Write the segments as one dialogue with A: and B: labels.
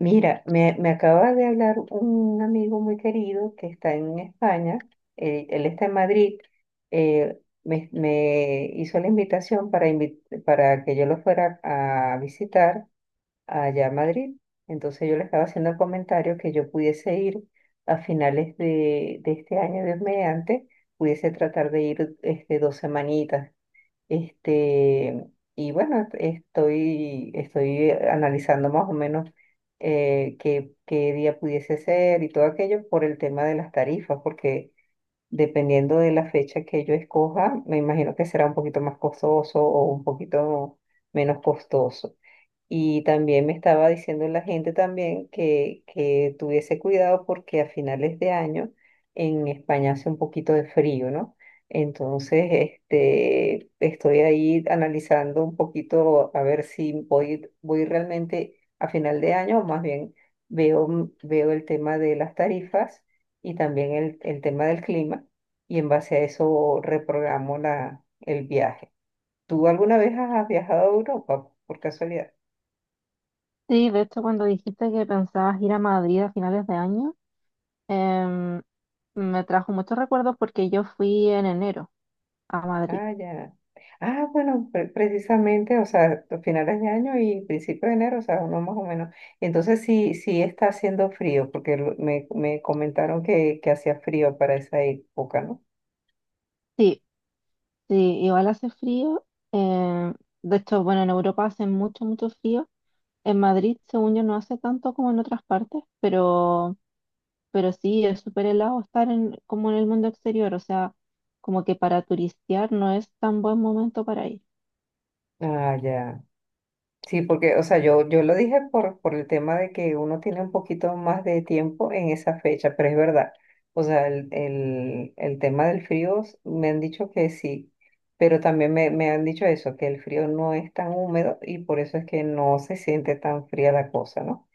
A: Mira, me acaba de hablar un amigo muy querido que está en España, él está en Madrid. Me hizo la invitación para, para que yo lo fuera a visitar allá a Madrid. Entonces yo le estaba haciendo el comentario que yo pudiese ir a finales de este año, Dios mediante, pudiese tratar de ir este, dos semanitas este, y bueno, estoy analizando más o menos qué día pudiese ser y todo aquello por el tema de las tarifas, porque dependiendo de la fecha que yo escoja, me imagino que será un poquito más costoso o un poquito menos costoso. Y también me estaba diciendo la gente también que tuviese cuidado porque a finales de año en España hace un poquito de frío, ¿no? Entonces, este, estoy ahí analizando un poquito a ver si voy realmente a final de año o más bien veo el tema de las tarifas y también el tema del clima y en base a eso reprogramo el viaje. ¿Tú alguna vez has viajado a Europa por casualidad?
B: Sí, de hecho, cuando dijiste que pensabas ir a Madrid a finales de año, em, me trajo muchos recuerdos porque yo fui en enero a Madrid.
A: Ah, ya. Ah, bueno, precisamente, o sea, a finales de año y principios de enero, o sea, uno más o menos. Entonces sí, sí está haciendo frío, porque me comentaron que hacía frío para esa época, ¿no?
B: Sí, sí, igual hace frío. em, de hecho, bueno, en Europa hace mucho, mucho frío. En Madrid, según yo, no hace tanto como en otras partes, pero sí, es súper helado estar en, como en el mundo exterior. O sea, como que para turistear no es tan buen momento para ir.
A: Ah, ya. Sí, porque, o sea, yo lo dije por el tema de que uno tiene un poquito más de tiempo en esa fecha, pero es verdad. O sea, el tema del frío me han dicho que sí, pero también me han dicho eso, que el frío no es tan húmedo y por eso es que no se siente tan fría la cosa, ¿no?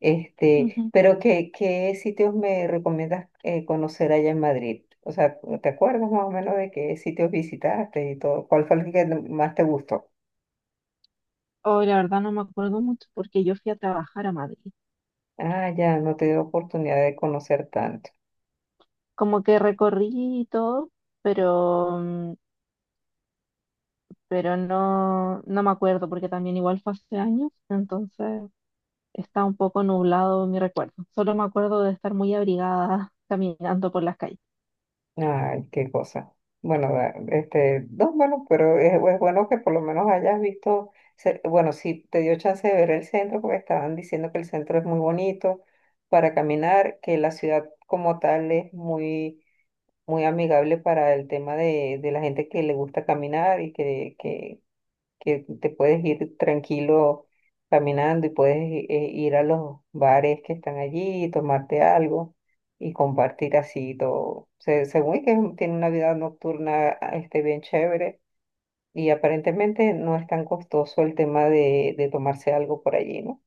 A: Este,
B: Ujú.
A: pero ¿qué, qué sitios me recomiendas conocer allá en Madrid? O sea, ¿te acuerdas más o menos de qué sitios visitaste y todo? ¿Cuál fue el que más te gustó?
B: Oh, la verdad no me acuerdo mucho porque yo fui a trabajar a Madrid.
A: Ah, ya, no te dio oportunidad de conocer tanto.
B: Como que recorrí y todo, pero, pero no, no me acuerdo porque también igual fue hace años, entonces está un poco nublado mi recuerdo. Solo me acuerdo de estar muy abrigada caminando por las calles.
A: Ay, qué cosa. Bueno, este, no, bueno, pero es bueno que por lo menos hayas visto, bueno, sí te dio chance de ver el centro, porque estaban diciendo que el centro es muy bonito para caminar, que la ciudad como tal es muy, muy amigable para el tema de la gente que le gusta caminar y que te puedes ir tranquilo caminando y ir a los bares que están allí y tomarte algo y compartir así todo. Se- según que es tiene una vida nocturna este, bien chévere y aparentemente no es tan costoso el tema de tomarse algo por allí, ¿no?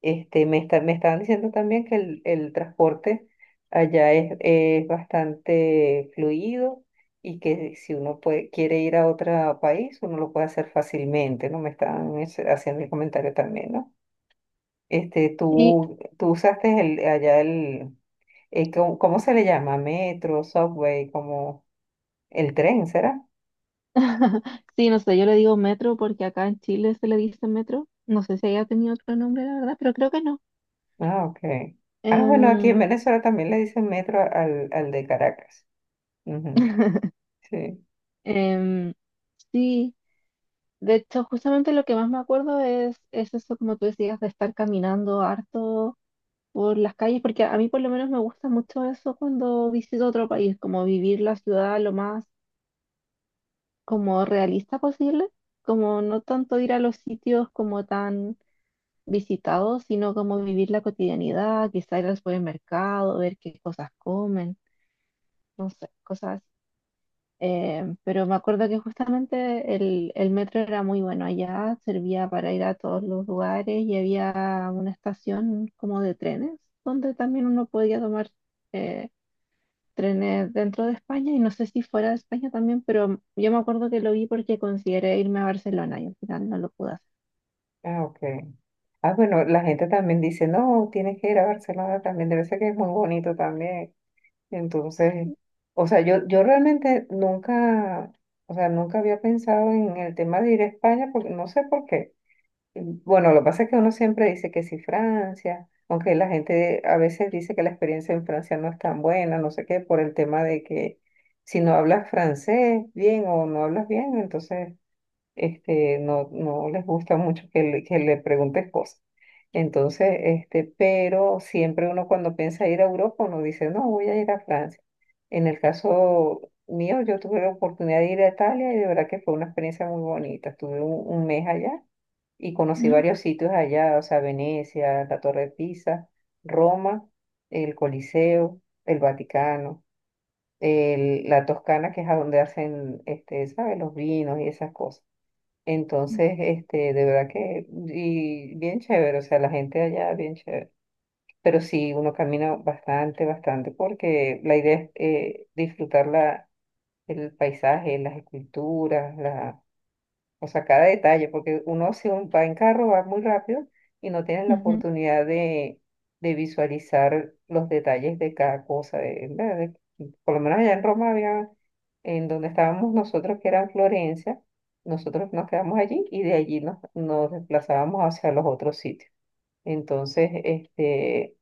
A: Este, me estaban diciendo también que el transporte allá es bastante fluido y que si uno puede, quiere ir a otro país, uno lo puede hacer fácilmente, ¿no? Me estaban haciendo el comentario también, ¿no? Este,
B: Y
A: tú usaste allá el, ¿cómo se le llama? Metro, subway, como el tren, ¿será?
B: sí, no sé, yo le digo metro porque acá en Chile se le dice metro. No sé si haya tenido otro nombre, la verdad, pero creo que no.
A: Ah, ok. Ah, bueno, aquí en
B: Em,
A: Venezuela también le dicen metro al de Caracas. Ujú. Sí.
B: em, sí, de hecho, justamente lo que más me acuerdo es eso, como tú decías, de estar caminando harto por las calles, porque a mí por lo menos me gusta mucho eso cuando visito otro país, como vivir la ciudad lo más como realista posible, como no tanto ir a los sitios como tan visitados, sino como vivir la cotidianidad, quizá ir al supermercado, ver qué cosas comen, no sé, cosas así. Pero me acuerdo que justamente el metro era muy bueno allá, servía para ir a todos los lugares y había una estación como de trenes donde también uno podía tomar... eh, trenes dentro de España y no sé si fuera de España también, pero yo me acuerdo que lo vi porque consideré irme a Barcelona y al final no lo pude hacer.
A: Ah, ok. Ah, bueno, la gente también dice, no, tienes que ir a Barcelona también, debe ser que es muy bonito también. Y entonces, o sea, yo realmente nunca, o sea, nunca había pensado en el tema de ir a España, porque no sé por qué. Y bueno, lo que pasa es que uno siempre dice que sí Francia, aunque la gente a veces dice que la experiencia en Francia no es tan buena, no sé qué, por el tema de que si no hablas francés bien o no hablas bien, entonces este, no les gusta mucho que le preguntes cosas. Entonces, este, pero siempre uno cuando piensa ir a Europa, uno dice, no, voy a ir a Francia. En el caso mío, yo tuve la oportunidad de ir a Italia y de verdad que fue una experiencia muy bonita. Estuve un mes allá y conocí
B: Mm,
A: varios sitios allá, o sea, Venecia, la Torre de Pisa, Roma, el Coliseo, el Vaticano, la Toscana, que es a donde hacen, este, ¿sabes? Los vinos y esas cosas.
B: ujú,
A: Entonces, este, de verdad que, y bien chévere, o sea, la gente allá, bien chévere. Pero sí, uno camina bastante, bastante, porque la idea es disfrutar el paisaje, las esculturas, o sea, cada detalle, porque uno si va en carro va muy rápido y no tienes la
B: mm,
A: oportunidad de visualizar los detalles de cada cosa. Por lo menos allá en Roma había, en donde estábamos nosotros, que era en Florencia, nosotros nos quedamos allí y de allí nos desplazábamos hacia los otros sitios. Entonces, este,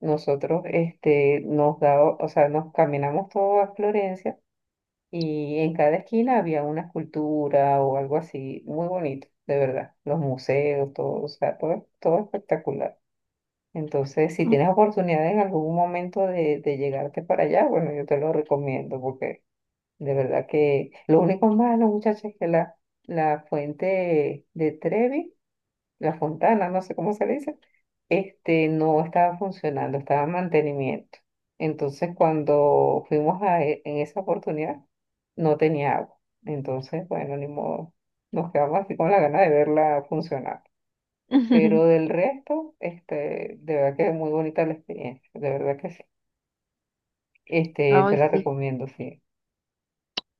A: nosotros este, nos daba, o sea, nos caminamos todo a Florencia y en cada esquina había una escultura o algo así, muy bonito, de verdad. Los museos, todo, o sea, todo, todo espectacular. Entonces, si
B: ujú,
A: tienes oportunidad en algún momento de llegarte para allá, bueno, yo te lo recomiendo porque de verdad que lo único malo, muchachos, es que la fuente de Trevi, la fontana, no sé cómo se le dice, este, no estaba funcionando, estaba en mantenimiento. Entonces, cuando fuimos a, en esa oportunidad, no tenía agua. Entonces, bueno, ni modo, nos quedamos así con la gana de verla funcionar.
B: mm.
A: Pero del resto, este, de verdad que es muy bonita la experiencia, de verdad que sí. Este, te
B: Ay,
A: la
B: sí,
A: recomiendo, sí,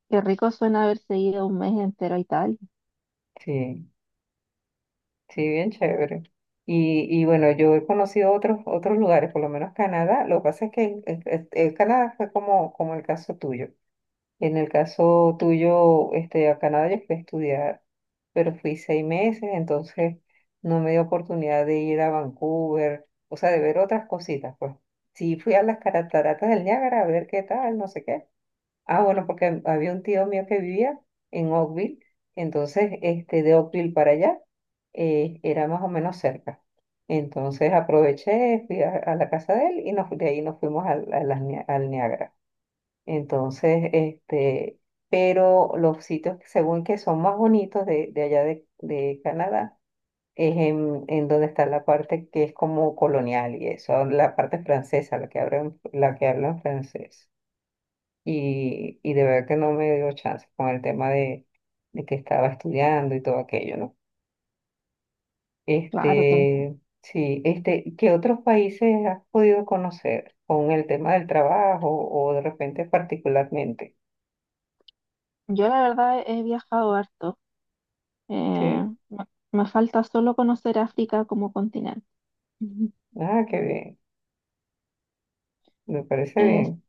B: qué rico suena haberse ido un mes entero a Italia.
A: sí. Sí, bien chévere. Y bueno, yo he conocido otros, otros lugares, por lo menos Canadá. Lo que pasa es que en Canadá fue como, como el caso tuyo. En el caso tuyo, este, a Canadá yo fui a estudiar, pero fui 6 meses, entonces no me dio oportunidad de ir a Vancouver, o sea, de ver otras cositas, pues. Sí, fui a las cataratas del Niágara a ver qué tal, no sé qué. Ah, bueno, porque había un tío mío que vivía en Oakville, entonces este, de Oakville para allá era más o menos cerca. Entonces aproveché, fui a la casa de él y de ahí nos fuimos a las al Niágara. Entonces, este, pero los sitios que según que son más bonitos de allá de Canadá es en donde está la parte que es como colonial y eso, la parte francesa, la que hablan francés y de verdad que no me dio chance con el tema de que estaba estudiando y todo aquello, ¿no?
B: Claro que entiendo.
A: Este, sí, este, ¿qué otros países has podido conocer con el tema del trabajo o de repente particularmente?
B: Yo la verdad he viajado harto. Eh,
A: Sí,
B: me, me falta solo conocer África como continente. Ujú.
A: ah, qué bien, me parece
B: Eh,
A: bien.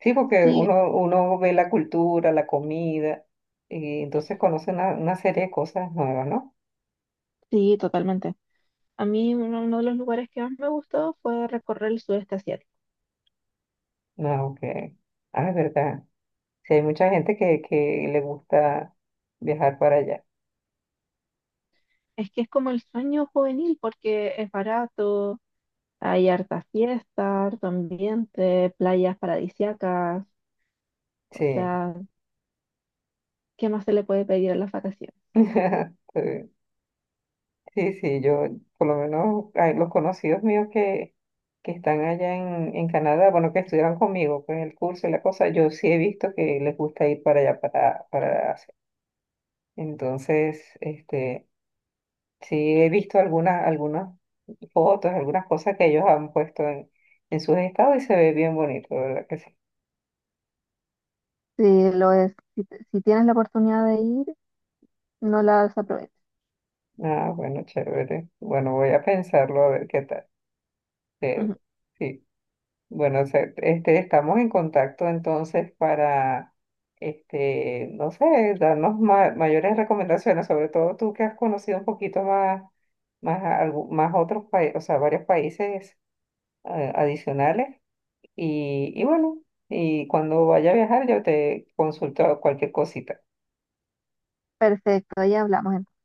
A: Sí, porque
B: sí,
A: uno, uno ve la cultura, la comida, y entonces conoce una serie de cosas nuevas, ¿no?
B: sí, totalmente. A mí uno de los lugares que más me gustó fue recorrer el sudeste asiático.
A: No, que, ah, es verdad. Sí, hay mucha gente que le gusta viajar para allá.
B: Es que es como el sueño juvenil porque es barato, hay harta fiesta, harto ambiente, playas paradisíacas, o
A: Sí,
B: sea, ¿qué más se le puede pedir a las vacaciones?
A: sí, sí, yo por lo menos hay los conocidos míos que están allá en Canadá, bueno, que estudiaron conmigo, pues el curso y la cosa, yo sí he visto que les gusta ir para allá, para Asia. Entonces, este, sí he visto algunas, algunas fotos, algunas cosas que ellos han puesto en sus estados y se ve bien bonito, de ¿verdad que sí?
B: Sí, lo es. Si, si tienes la oportunidad de ir, no la desaproveches.
A: Ah, bueno, chévere. Bueno, voy a pensarlo a ver qué tal. Eh,
B: Ujú.
A: sí. Bueno, este, estamos en contacto entonces para, este, no sé, darnos mayores recomendaciones, sobre todo tú que has conocido un poquito más, más, más otros países, o sea, varios países adicionales. Y bueno, y cuando vaya a viajar yo te consulto cualquier cosita.
B: Perfecto, ahí hablamos entonces.